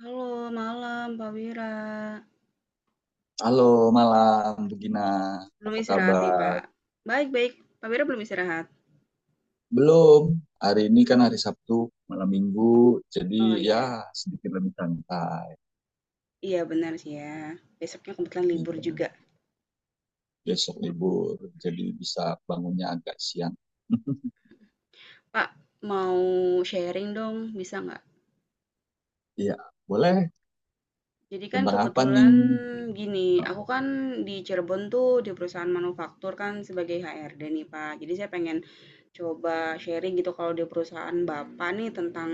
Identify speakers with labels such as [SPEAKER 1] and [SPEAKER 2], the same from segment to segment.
[SPEAKER 1] Halo, malam Pak Wira.
[SPEAKER 2] Halo malam, Bu Gina.
[SPEAKER 1] Belum
[SPEAKER 2] Apa
[SPEAKER 1] istirahat nih,
[SPEAKER 2] kabar?
[SPEAKER 1] Pak. Baik-baik. Pak Wira belum istirahat.
[SPEAKER 2] Belum. Hari ini kan hari
[SPEAKER 1] Hmm.
[SPEAKER 2] Sabtu, malam Minggu.
[SPEAKER 1] Oh
[SPEAKER 2] Jadi
[SPEAKER 1] iya,
[SPEAKER 2] ya sedikit lebih santai.
[SPEAKER 1] iya benar sih ya. Besoknya kebetulan libur
[SPEAKER 2] Iya,
[SPEAKER 1] juga.
[SPEAKER 2] besok libur. Jadi bisa bangunnya agak siang.
[SPEAKER 1] Pak, mau sharing dong, bisa nggak?
[SPEAKER 2] Iya, boleh.
[SPEAKER 1] Jadi kan
[SPEAKER 2] Tentang apa
[SPEAKER 1] kebetulan
[SPEAKER 2] nih?
[SPEAKER 1] gini, aku kan di Cirebon tuh di perusahaan manufaktur kan sebagai HRD nih Pak. Jadi saya pengen coba sharing gitu kalau di perusahaan Bapak nih tentang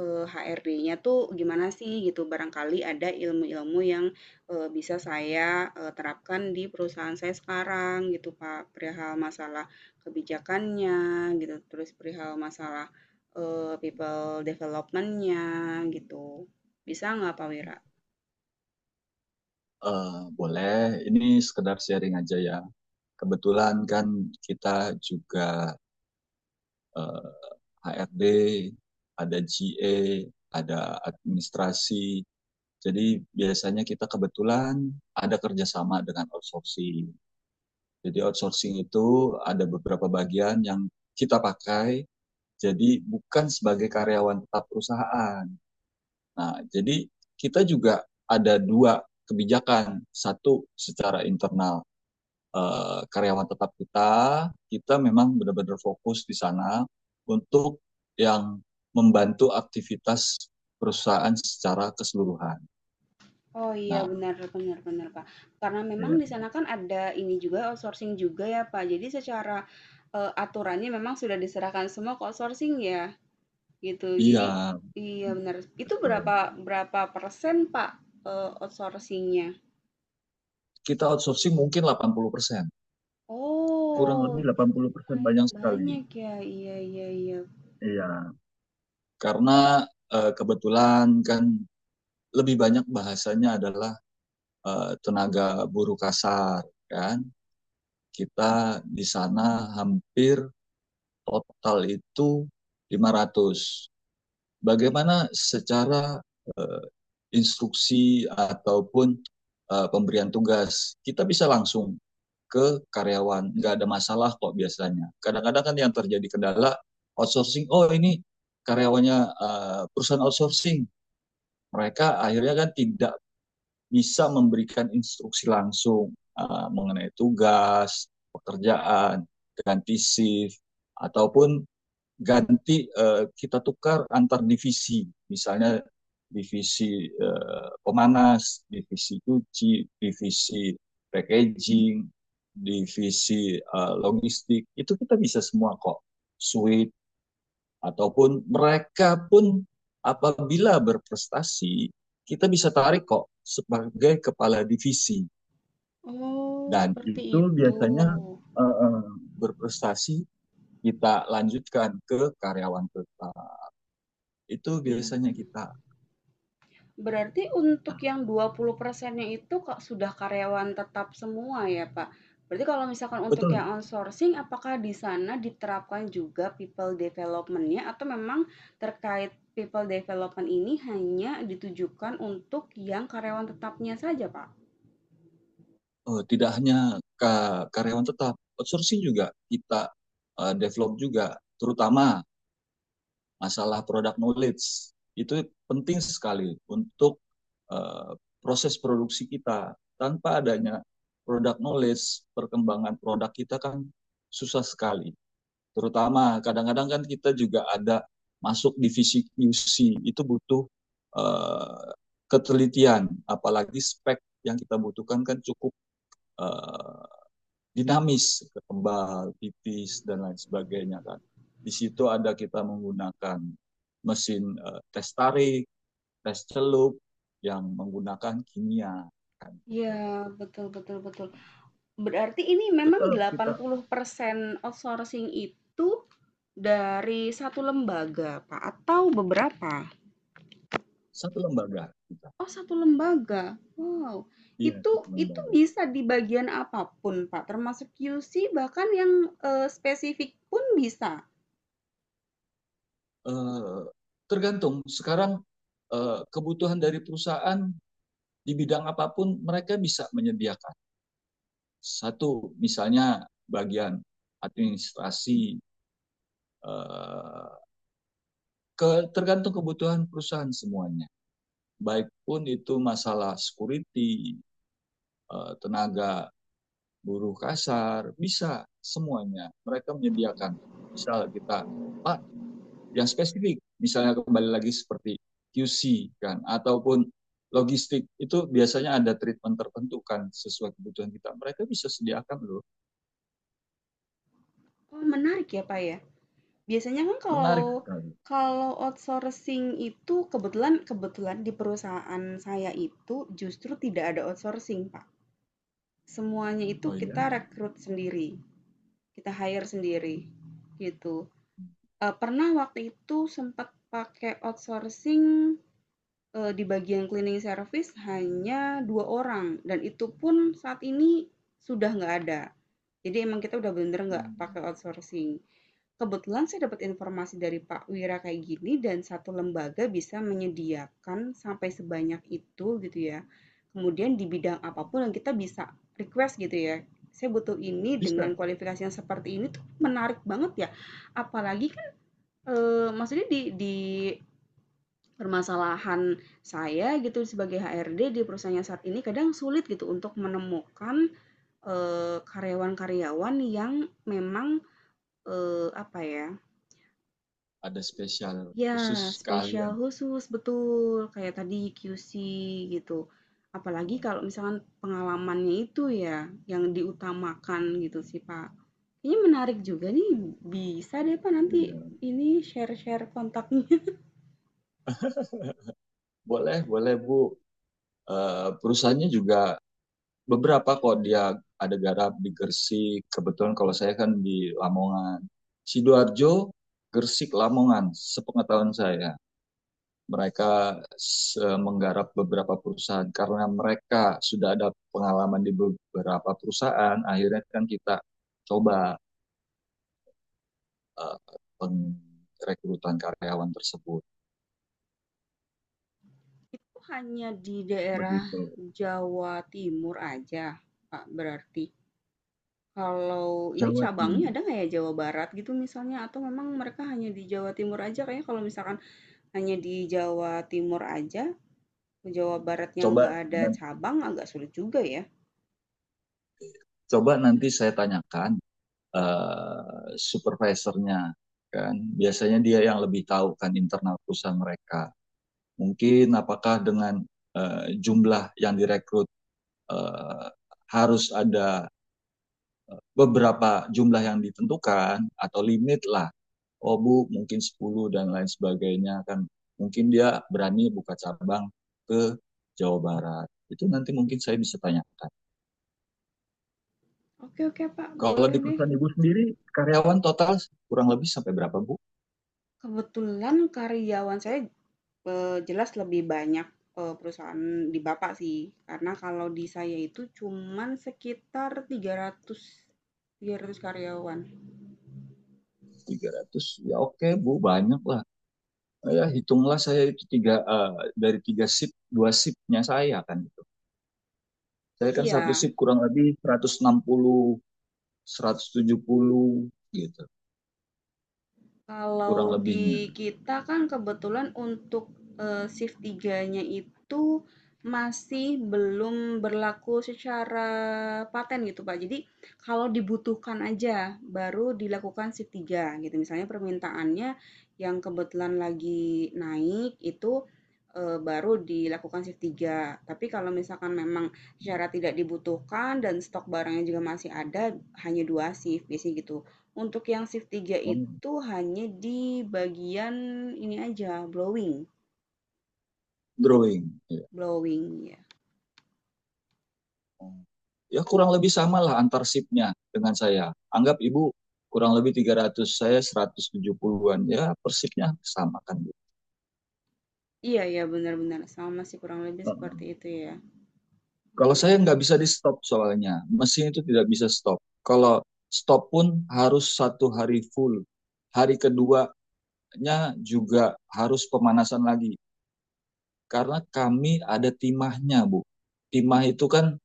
[SPEAKER 1] HRD-nya tuh gimana sih gitu. Barangkali ada ilmu-ilmu yang bisa saya terapkan di perusahaan saya sekarang gitu Pak. Perihal masalah kebijakannya gitu, terus perihal masalah people development-nya gitu. Bisa nggak Pak Wira?
[SPEAKER 2] Eh, Boleh. Ini sekedar sharing aja ya. Kebetulan kan kita juga eh, HRD, ada GA, ada administrasi. Jadi biasanya kita kebetulan ada kerjasama dengan outsourcing. Jadi outsourcing itu ada beberapa bagian yang kita pakai, jadi bukan sebagai karyawan tetap perusahaan. Nah, jadi kita juga ada dua kebijakan. Satu secara internal, karyawan tetap kita, kita memang benar-benar fokus di sana untuk yang membantu aktivitas perusahaan secara keseluruhan.
[SPEAKER 1] Oh iya
[SPEAKER 2] Nah,
[SPEAKER 1] benar benar benar, Pak. Karena memang
[SPEAKER 2] iya.
[SPEAKER 1] di sana kan ada ini juga, outsourcing juga ya, Pak. Jadi secara, aturannya memang sudah diserahkan semua ke outsourcing ya, gitu.
[SPEAKER 2] Iya,
[SPEAKER 1] Jadi iya benar. Itu
[SPEAKER 2] betul.
[SPEAKER 1] berapa berapa persen, Pak, outsourcing?
[SPEAKER 2] Kita outsourcing mungkin 80%, kurang
[SPEAKER 1] Oh,
[SPEAKER 2] lebih
[SPEAKER 1] cukup
[SPEAKER 2] 80%
[SPEAKER 1] lumayan
[SPEAKER 2] banyak sekali.
[SPEAKER 1] banyak ya. Iya iya iya.
[SPEAKER 2] Iya, karena kebetulan kan lebih banyak bahasanya adalah tenaga buruh kasar, kan. Kita di sana hampir total itu 500. Bagaimana secara eh, instruksi ataupun pemberian tugas? Kita bisa langsung ke karyawan, nggak ada masalah kok. Biasanya kadang-kadang kan yang terjadi kendala outsourcing, oh ini karyawannya perusahaan outsourcing, mereka akhirnya kan tidak bisa memberikan instruksi langsung mengenai tugas pekerjaan, ganti shift ataupun ganti, kita tukar antar divisi, misalnya divisi pemanas, divisi cuci, divisi packaging, divisi logistik, itu kita bisa semua kok. Suite ataupun mereka pun apabila berprestasi kita bisa tarik kok sebagai kepala divisi.
[SPEAKER 1] Oh,
[SPEAKER 2] Dan
[SPEAKER 1] seperti
[SPEAKER 2] itu
[SPEAKER 1] itu.
[SPEAKER 2] biasanya uh, berprestasi kita lanjutkan ke karyawan tetap, itu biasanya
[SPEAKER 1] Mmm.
[SPEAKER 2] kita.
[SPEAKER 1] Berarti untuk
[SPEAKER 2] Nah,
[SPEAKER 1] yang 20%-nya itu Kak, sudah karyawan tetap semua ya, Pak? Berarti kalau misalkan untuk yang
[SPEAKER 2] betul.
[SPEAKER 1] outsourcing, apakah di sana diterapkan juga people development-nya atau memang terkait people development ini hanya ditujukan untuk yang karyawan tetapnya saja, Pak?
[SPEAKER 2] Tidak hanya karyawan tetap, outsourcing juga kita develop juga, terutama masalah product knowledge. Itu penting sekali untuk eh, proses produksi kita. Tanpa adanya product knowledge, perkembangan produk kita kan susah sekali. Terutama kadang-kadang kan kita juga ada masuk divisi QC, itu butuh uh, ketelitian. Apalagi spek yang kita butuhkan kan cukup uh, dinamis, kembal tipis dan lain sebagainya kan. Di situ ada kita menggunakan mesin tes tarik, tes celup, yang menggunakan kimia kan, gitu.
[SPEAKER 1] Ya, betul betul betul. Berarti ini memang
[SPEAKER 2] Tetap
[SPEAKER 1] delapan
[SPEAKER 2] kita
[SPEAKER 1] puluh persen outsourcing itu dari satu lembaga, Pak, atau beberapa?
[SPEAKER 2] satu lembaga, kita
[SPEAKER 1] Oh, satu lembaga? Wow.
[SPEAKER 2] iya
[SPEAKER 1] Itu
[SPEAKER 2] satu
[SPEAKER 1] itu
[SPEAKER 2] lembaga.
[SPEAKER 1] bisa di bagian apapun, Pak, termasuk QC bahkan yang, spesifik pun bisa?
[SPEAKER 2] eh, Tergantung sekarang kebutuhan dari perusahaan. Di bidang apapun mereka bisa menyediakan. Satu misalnya bagian administrasi, eh, ke tergantung kebutuhan perusahaan semuanya, baik pun itu masalah security, tenaga buruh kasar, bisa semuanya mereka menyediakan. Misal kita pak yang spesifik misalnya, kembali lagi seperti QC kan ataupun logistik, itu biasanya ada treatment tertentu kan sesuai kebutuhan kita, mereka bisa sediakan loh.
[SPEAKER 1] Oh, menarik ya, Pak, ya. Biasanya kan kalau
[SPEAKER 2] Menarik sekali.
[SPEAKER 1] kalau outsourcing itu kebetulan kebetulan di perusahaan saya itu justru tidak ada outsourcing, Pak. Semuanya itu
[SPEAKER 2] Oh
[SPEAKER 1] kita
[SPEAKER 2] ya.
[SPEAKER 1] rekrut sendiri, kita hire sendiri, gitu. Pernah waktu itu sempat pakai outsourcing. Di bagian cleaning service hanya 2 orang dan itu pun saat ini sudah nggak ada. Jadi emang kita udah bener-bener nggak pakai
[SPEAKER 2] Hmm.
[SPEAKER 1] outsourcing. Kebetulan saya dapat informasi dari Pak Wira kayak gini dan satu lembaga bisa menyediakan sampai sebanyak itu gitu ya. Kemudian di bidang apapun yang kita bisa request gitu ya, "Saya butuh ini dengan
[SPEAKER 2] Bisa.
[SPEAKER 1] kualifikasi yang seperti ini," tuh menarik banget ya. Apalagi kan, maksudnya di permasalahan saya gitu sebagai HRD di perusahaannya saat ini kadang sulit gitu untuk menemukan, karyawan-karyawan yang memang, apa ya,
[SPEAKER 2] Ada spesial
[SPEAKER 1] ya,
[SPEAKER 2] khusus
[SPEAKER 1] spesial
[SPEAKER 2] kalian.
[SPEAKER 1] khusus, betul, kayak tadi QC gitu. Apalagi
[SPEAKER 2] Oh,
[SPEAKER 1] kalau misalkan pengalamannya itu ya yang diutamakan gitu sih, Pak. Ini menarik juga nih,
[SPEAKER 2] iya.
[SPEAKER 1] bisa deh, Pak, nanti
[SPEAKER 2] Iya.
[SPEAKER 1] ini share-share kontaknya.
[SPEAKER 2] Boleh, boleh Bu. Perusahaannya juga beberapa kok dia. Ada garap di Gresik. Kebetulan kalau saya kan di Lamongan, Sidoarjo, Gresik, Lamongan. Sepengetahuan saya mereka menggarap beberapa perusahaan, karena mereka sudah ada pengalaman di beberapa perusahaan, akhirnya kan kita coba eh, pengrekrutan karyawan tersebut,
[SPEAKER 1] Itu hanya di daerah
[SPEAKER 2] begitu.
[SPEAKER 1] Jawa Timur aja, Pak, berarti? Kalau ini
[SPEAKER 2] Jawa
[SPEAKER 1] cabangnya
[SPEAKER 2] Timur.
[SPEAKER 1] ada nggak ya Jawa Barat gitu misalnya? Atau memang mereka hanya di Jawa Timur aja? Kayaknya kalau misalkan hanya di Jawa Timur aja, ke Jawa Baratnya nggak
[SPEAKER 2] Coba,
[SPEAKER 1] ada cabang agak sulit juga ya.
[SPEAKER 2] coba nanti saya tanyakan supervisornya kan, biasanya dia yang lebih tahu kan internal perusahaan mereka. Mungkin apakah dengan jumlah yang direkrut eh, harus ada beberapa jumlah yang ditentukan atau limit lah. Oh Bu, mungkin 10 dan lain sebagainya kan. Mungkin dia berani buka cabang ke Jawa Barat. Itu nanti mungkin saya bisa tanyakan.
[SPEAKER 1] Oke oke Pak,
[SPEAKER 2] Kalau
[SPEAKER 1] boleh
[SPEAKER 2] di
[SPEAKER 1] deh.
[SPEAKER 2] perusahaan ibu sendiri, karyawan total kurang lebih sampai berapa, Bu?
[SPEAKER 1] Kebetulan karyawan saya jelas lebih banyak, perusahaan di Bapak sih, karena kalau di saya itu cuman sekitar 300, 300 karyawan.
[SPEAKER 2] 300. Ya, oke Bu, banyak lah. Ya hitunglah saya itu tiga, dari tiga sip, dua sipnya saya kan, gitu. Saya kan satu
[SPEAKER 1] Iya.
[SPEAKER 2] sip kurang lebih seratus 160, 170, gitu, kurang
[SPEAKER 1] Kalau
[SPEAKER 2] lebihnya.
[SPEAKER 1] di kita kan kebetulan untuk, shift tiganya itu masih belum berlaku secara paten gitu, Pak. Jadi kalau dibutuhkan aja baru dilakukan shift 3 gitu. Misalnya permintaannya yang kebetulan lagi naik itu, baru dilakukan shift 3. Tapi kalau misalkan memang secara tidak dibutuhkan dan stok barangnya juga masih ada, hanya 2 shift biasanya gitu. Untuk yang shift 3
[SPEAKER 2] Hmm,
[SPEAKER 1] itu hanya di bagian ini aja, blowing
[SPEAKER 2] Drawing. Ya.
[SPEAKER 1] blowing ya.
[SPEAKER 2] Ya, kurang lebih sama lah antar sipnya dengan saya. Anggap ibu kurang lebih 300, saya 170-an. Ya, persipnya sama kan, Bu.
[SPEAKER 1] Iya ya benar-benar sama sih kurang lebih seperti
[SPEAKER 2] Heeh.
[SPEAKER 1] itu ya. Iya
[SPEAKER 2] Kalau saya
[SPEAKER 1] iya.
[SPEAKER 2] nggak bisa di stop soalnya. Mesin itu tidak bisa stop. Kalau stop pun harus satu hari full. Hari keduanya juga harus pemanasan lagi. Karena kami ada timahnya, Bu. Timah itu kan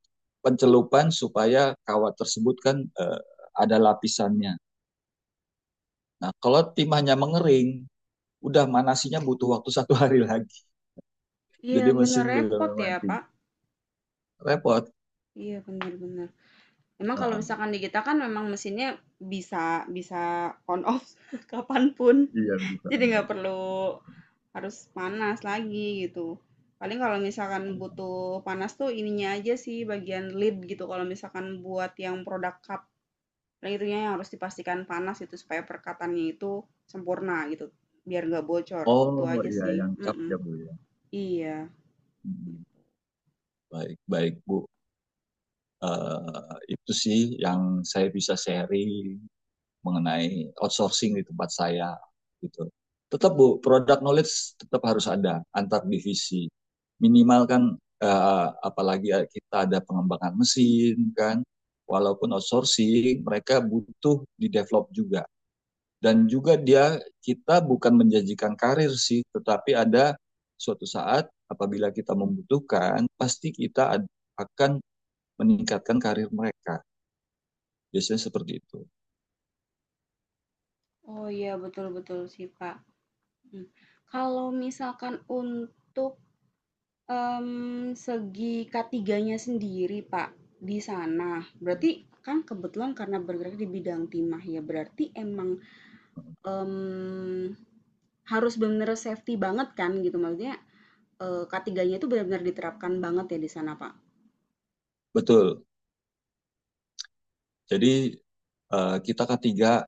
[SPEAKER 2] pencelupan supaya kawat tersebut kan ada lapisannya. Nah, kalau tim hanya mengering, udah manasinya butuh waktu satu hari lagi.
[SPEAKER 1] Iya
[SPEAKER 2] Jadi
[SPEAKER 1] benar
[SPEAKER 2] mesin
[SPEAKER 1] repot
[SPEAKER 2] benar-benar
[SPEAKER 1] ya
[SPEAKER 2] mati.
[SPEAKER 1] Pak.
[SPEAKER 2] Repot.
[SPEAKER 1] Iya benar-benar. Memang kalau
[SPEAKER 2] Heeh.
[SPEAKER 1] misalkan di kita kan memang mesinnya bisa bisa on off kapanpun.
[SPEAKER 2] Iya bisa.
[SPEAKER 1] Jadi nggak perlu harus panas lagi gitu. Paling kalau misalkan butuh panas tuh ininya aja sih bagian lid gitu. Kalau misalkan buat yang produk cup. Nah, itunya yang harus dipastikan panas itu supaya perkataannya itu sempurna gitu, biar nggak bocor, itu
[SPEAKER 2] Oh,
[SPEAKER 1] aja
[SPEAKER 2] iya
[SPEAKER 1] sih,
[SPEAKER 2] yang lengkap ya
[SPEAKER 1] mhm,
[SPEAKER 2] Bu ya.
[SPEAKER 1] iya.
[SPEAKER 2] Mm. Baik, baik, Bu. Itu sih yang saya bisa sharing mengenai outsourcing di tempat saya, gitu. Tetap Bu, product knowledge tetap harus ada antar divisi. Minimal kan, apalagi kita ada pengembangan mesin kan. Walaupun outsourcing, mereka butuh di develop juga. Dan juga dia, kita bukan menjanjikan karir sih, tetapi ada suatu saat apabila kita membutuhkan, pasti kita akan meningkatkan karir mereka. Biasanya seperti itu.
[SPEAKER 1] Oh iya, betul betul sih, Kak, mhm. Kalau misalkan untuk, segi katiganya sendiri, Pak, di sana, berarti kan kebetulan karena bergerak di bidang timah ya, berarti emang, mmm, harus benar-benar safety banget kan gitu, maksudnya, eee, k itu benar-benar diterapkan banget ya di sana, Pak?
[SPEAKER 2] Betul. Jadi kita ketiga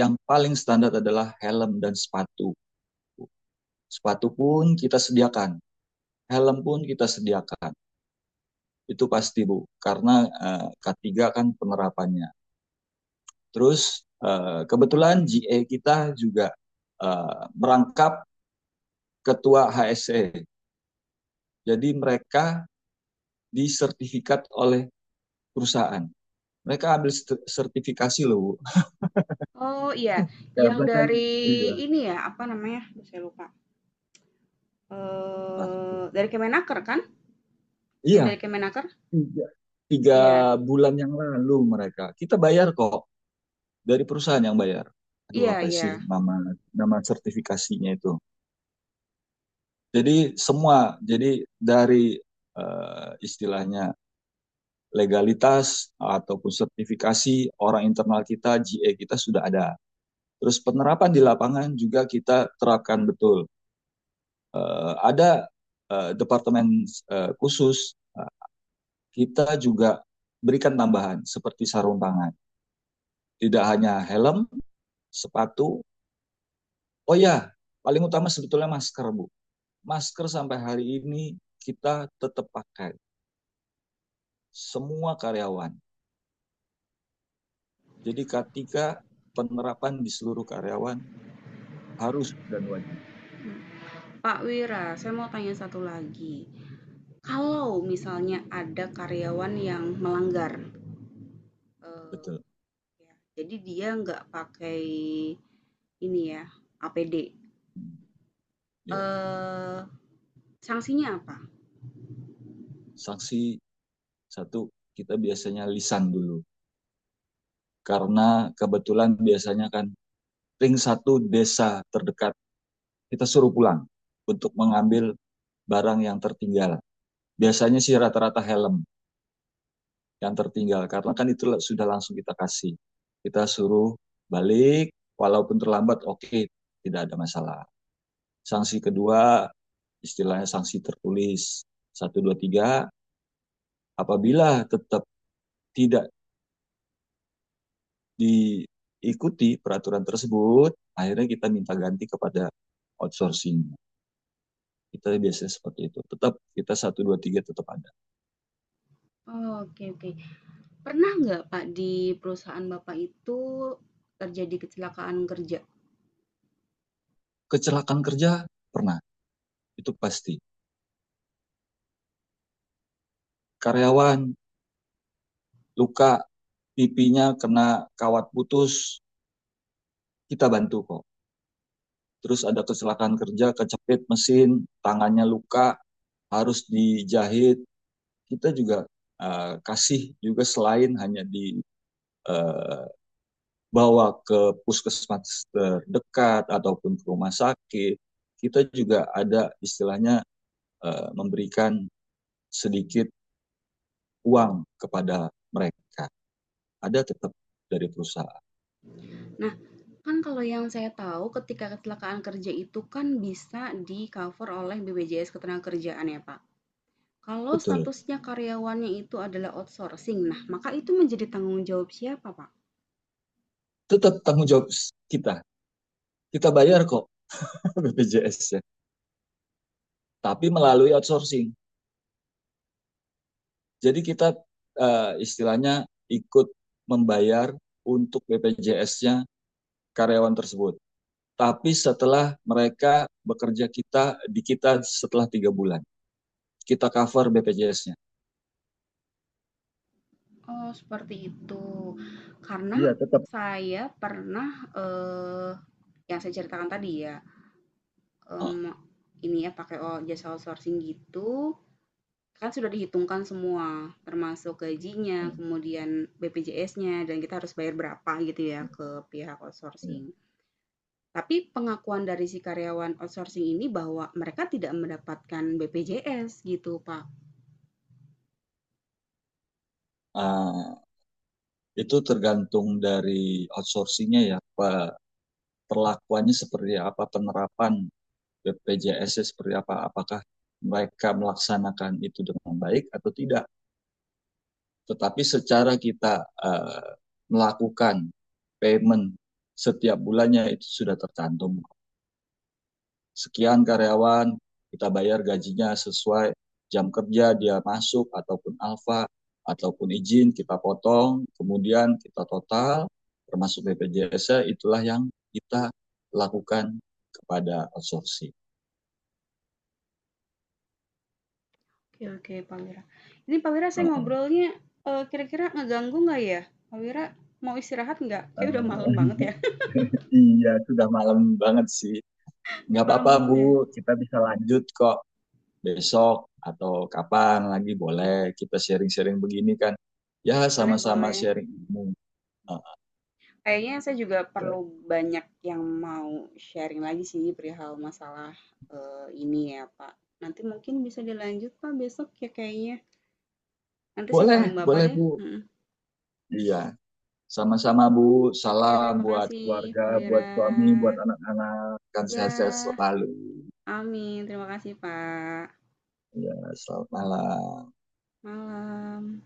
[SPEAKER 2] yang paling standar adalah helm dan sepatu. Sepatu pun kita sediakan, helm pun kita sediakan. Itu pasti Bu, karena K3 kan penerapannya. Terus kebetulan GA kita juga merangkap ketua HSE. Jadi mereka disertifikat oleh perusahaan. Mereka ambil sertifikasi loh, Bu.
[SPEAKER 1] Oh, iya, yang
[SPEAKER 2] Karena kan
[SPEAKER 1] dari
[SPEAKER 2] iya,
[SPEAKER 1] ini ya, apa namanya? Aduh, saya lupa.
[SPEAKER 2] pasti.
[SPEAKER 1] Dari Kemenaker kan? Yang
[SPEAKER 2] Iya,
[SPEAKER 1] dari Kemenaker?
[SPEAKER 2] tiga, tiga
[SPEAKER 1] Iya,
[SPEAKER 2] bulan yang lalu mereka. Kita bayar kok, dari perusahaan yang bayar. Aduh,
[SPEAKER 1] iya
[SPEAKER 2] apa
[SPEAKER 1] iya.
[SPEAKER 2] sih nama, nama sertifikasinya itu. Jadi semua jadi dari istilahnya legalitas ataupun sertifikasi orang internal kita, GA kita sudah ada. Terus penerapan di lapangan juga kita terapkan betul. Ada departemen khusus. Kita juga berikan tambahan seperti sarung tangan. Tidak hanya helm, sepatu. Oh ya, paling utama sebetulnya masker, Bu. Masker sampai hari ini kita tetap pakai. Semua karyawan. Jadi ketika penerapan di seluruh karyawan, harus dan wajib.
[SPEAKER 1] Pak Wira, saya mau tanya satu lagi. Kalau misalnya ada karyawan yang melanggar, eee,
[SPEAKER 2] Betul.
[SPEAKER 1] ya, jadi dia nggak pakai ini ya, APD,
[SPEAKER 2] Ya.
[SPEAKER 1] eee, sanksinya apa?
[SPEAKER 2] Sanksi satu, kita biasanya lisan dulu. Karena kebetulan biasanya kan ring satu desa terdekat, kita suruh pulang untuk mengambil barang yang tertinggal. Biasanya sih rata-rata helm yang tertinggal, karena kan itu sudah langsung kita kasih. Kita suruh balik walaupun terlambat, oke tidak ada masalah. Sanksi kedua istilahnya sanksi tertulis satu, dua, tiga. Apabila tetap tidak diikuti peraturan tersebut, akhirnya kita minta ganti kepada outsourcing. Kita biasanya seperti itu, tetap kita satu, dua, tiga tetap ada.
[SPEAKER 1] Oh, oke oke. Pernah nggak, Pak, di perusahaan Bapak itu terjadi kecelakaan kerja?
[SPEAKER 2] Kecelakaan kerja pernah, itu pasti. Karyawan luka, pipinya kena kawat putus, kita bantu kok. Terus ada kecelakaan kerja, kecepit mesin, tangannya luka, harus dijahit. Kita juga kasih juga, selain hanya dibawa ke puskesmas terdekat ataupun ke rumah sakit, kita juga ada istilahnya memberikan sedikit uang kepada mereka. Ada tetap dari perusahaan,
[SPEAKER 1] Nah, kan kalau yang saya tahu ketika kecelakaan kerja itu kan bisa di-cover oleh BPJS Ketenagakerjaan ya, Pak. Kalau
[SPEAKER 2] betul.
[SPEAKER 1] statusnya karyawannya itu adalah outsourcing, nah maka itu menjadi tanggung jawab siapa, Pak?
[SPEAKER 2] Tetap tanggung jawab kita. Kita bayar kok BPJS-nya, tapi melalui outsourcing. Jadi kita istilahnya ikut membayar untuk BPJS nya karyawan tersebut. Tapi setelah mereka bekerja, kita setelah 3 bulan kita cover BPJS nya.
[SPEAKER 1] Oh, seperti itu. Karena
[SPEAKER 2] Iya, tetap.
[SPEAKER 1] saya pernah yang saya ceritakan tadi ya, em,
[SPEAKER 2] Ah,
[SPEAKER 1] ini ya pakai jasa outsourcing gitu. Kan sudah dihitungkan semua, termasuk gajinya, kemudian BPJS-nya, dan kita harus bayar berapa gitu ya ke pihak outsourcing.
[SPEAKER 2] iya.
[SPEAKER 1] Tapi pengakuan dari si karyawan outsourcing ini bahwa mereka tidak mendapatkan BPJS gitu, Pak.
[SPEAKER 2] Ah, itu tergantung dari outsourcingnya ya, perlakuannya seperti apa, penerapan BPJS -nya seperti apa, apakah mereka melaksanakan itu dengan baik atau tidak. Tetapi secara kita eh, melakukan payment setiap bulannya itu sudah tercantum. Sekian karyawan, kita bayar gajinya sesuai jam kerja dia masuk ataupun alfa ataupun izin kita potong, kemudian kita total termasuk BPJS, itulah yang kita lakukan kepada outsourcing.
[SPEAKER 1] Oke oke, Pak Wira. Ini Pak Wira saya
[SPEAKER 2] Heeh.
[SPEAKER 1] ngobrolnya, kira-kira ngeganggu nggak ya? Pak Wira mau istirahat nggak? Kayaknya udah malam
[SPEAKER 2] Eh,
[SPEAKER 1] banget ya?
[SPEAKER 2] Iya, sudah malam banget sih. Nggak
[SPEAKER 1] Malam
[SPEAKER 2] apa-apa,
[SPEAKER 1] banget
[SPEAKER 2] Bu.
[SPEAKER 1] ya?
[SPEAKER 2] Kita bisa lanjut kok besok atau kapan lagi, boleh kita sharing-sharing begini kan. Ya,
[SPEAKER 1] Boleh
[SPEAKER 2] sama-sama
[SPEAKER 1] boleh.
[SPEAKER 2] sharing ilmu. Ah.
[SPEAKER 1] Kayaknya saya juga perlu banyak yang mau sharing lagi sih perihal masalah ini ya, Pak. Nanti mungkin bisa dilanjut, Pak, besok ya kayaknya. Nanti saya
[SPEAKER 2] Boleh,
[SPEAKER 1] calling Bapak
[SPEAKER 2] boleh
[SPEAKER 1] deh.
[SPEAKER 2] Bu.
[SPEAKER 1] Mm-mm.
[SPEAKER 2] Iya, sama-sama Bu.
[SPEAKER 1] Oke,
[SPEAKER 2] Salam
[SPEAKER 1] terima
[SPEAKER 2] buat
[SPEAKER 1] kasih,
[SPEAKER 2] keluarga,
[SPEAKER 1] Pak Wira.
[SPEAKER 2] buat suami, buat anak-anak. Kan sehat-sehat
[SPEAKER 1] Ya,
[SPEAKER 2] selalu.
[SPEAKER 1] amin. Terima kasih, Pak.
[SPEAKER 2] Ya, selamat malam.
[SPEAKER 1] Malam.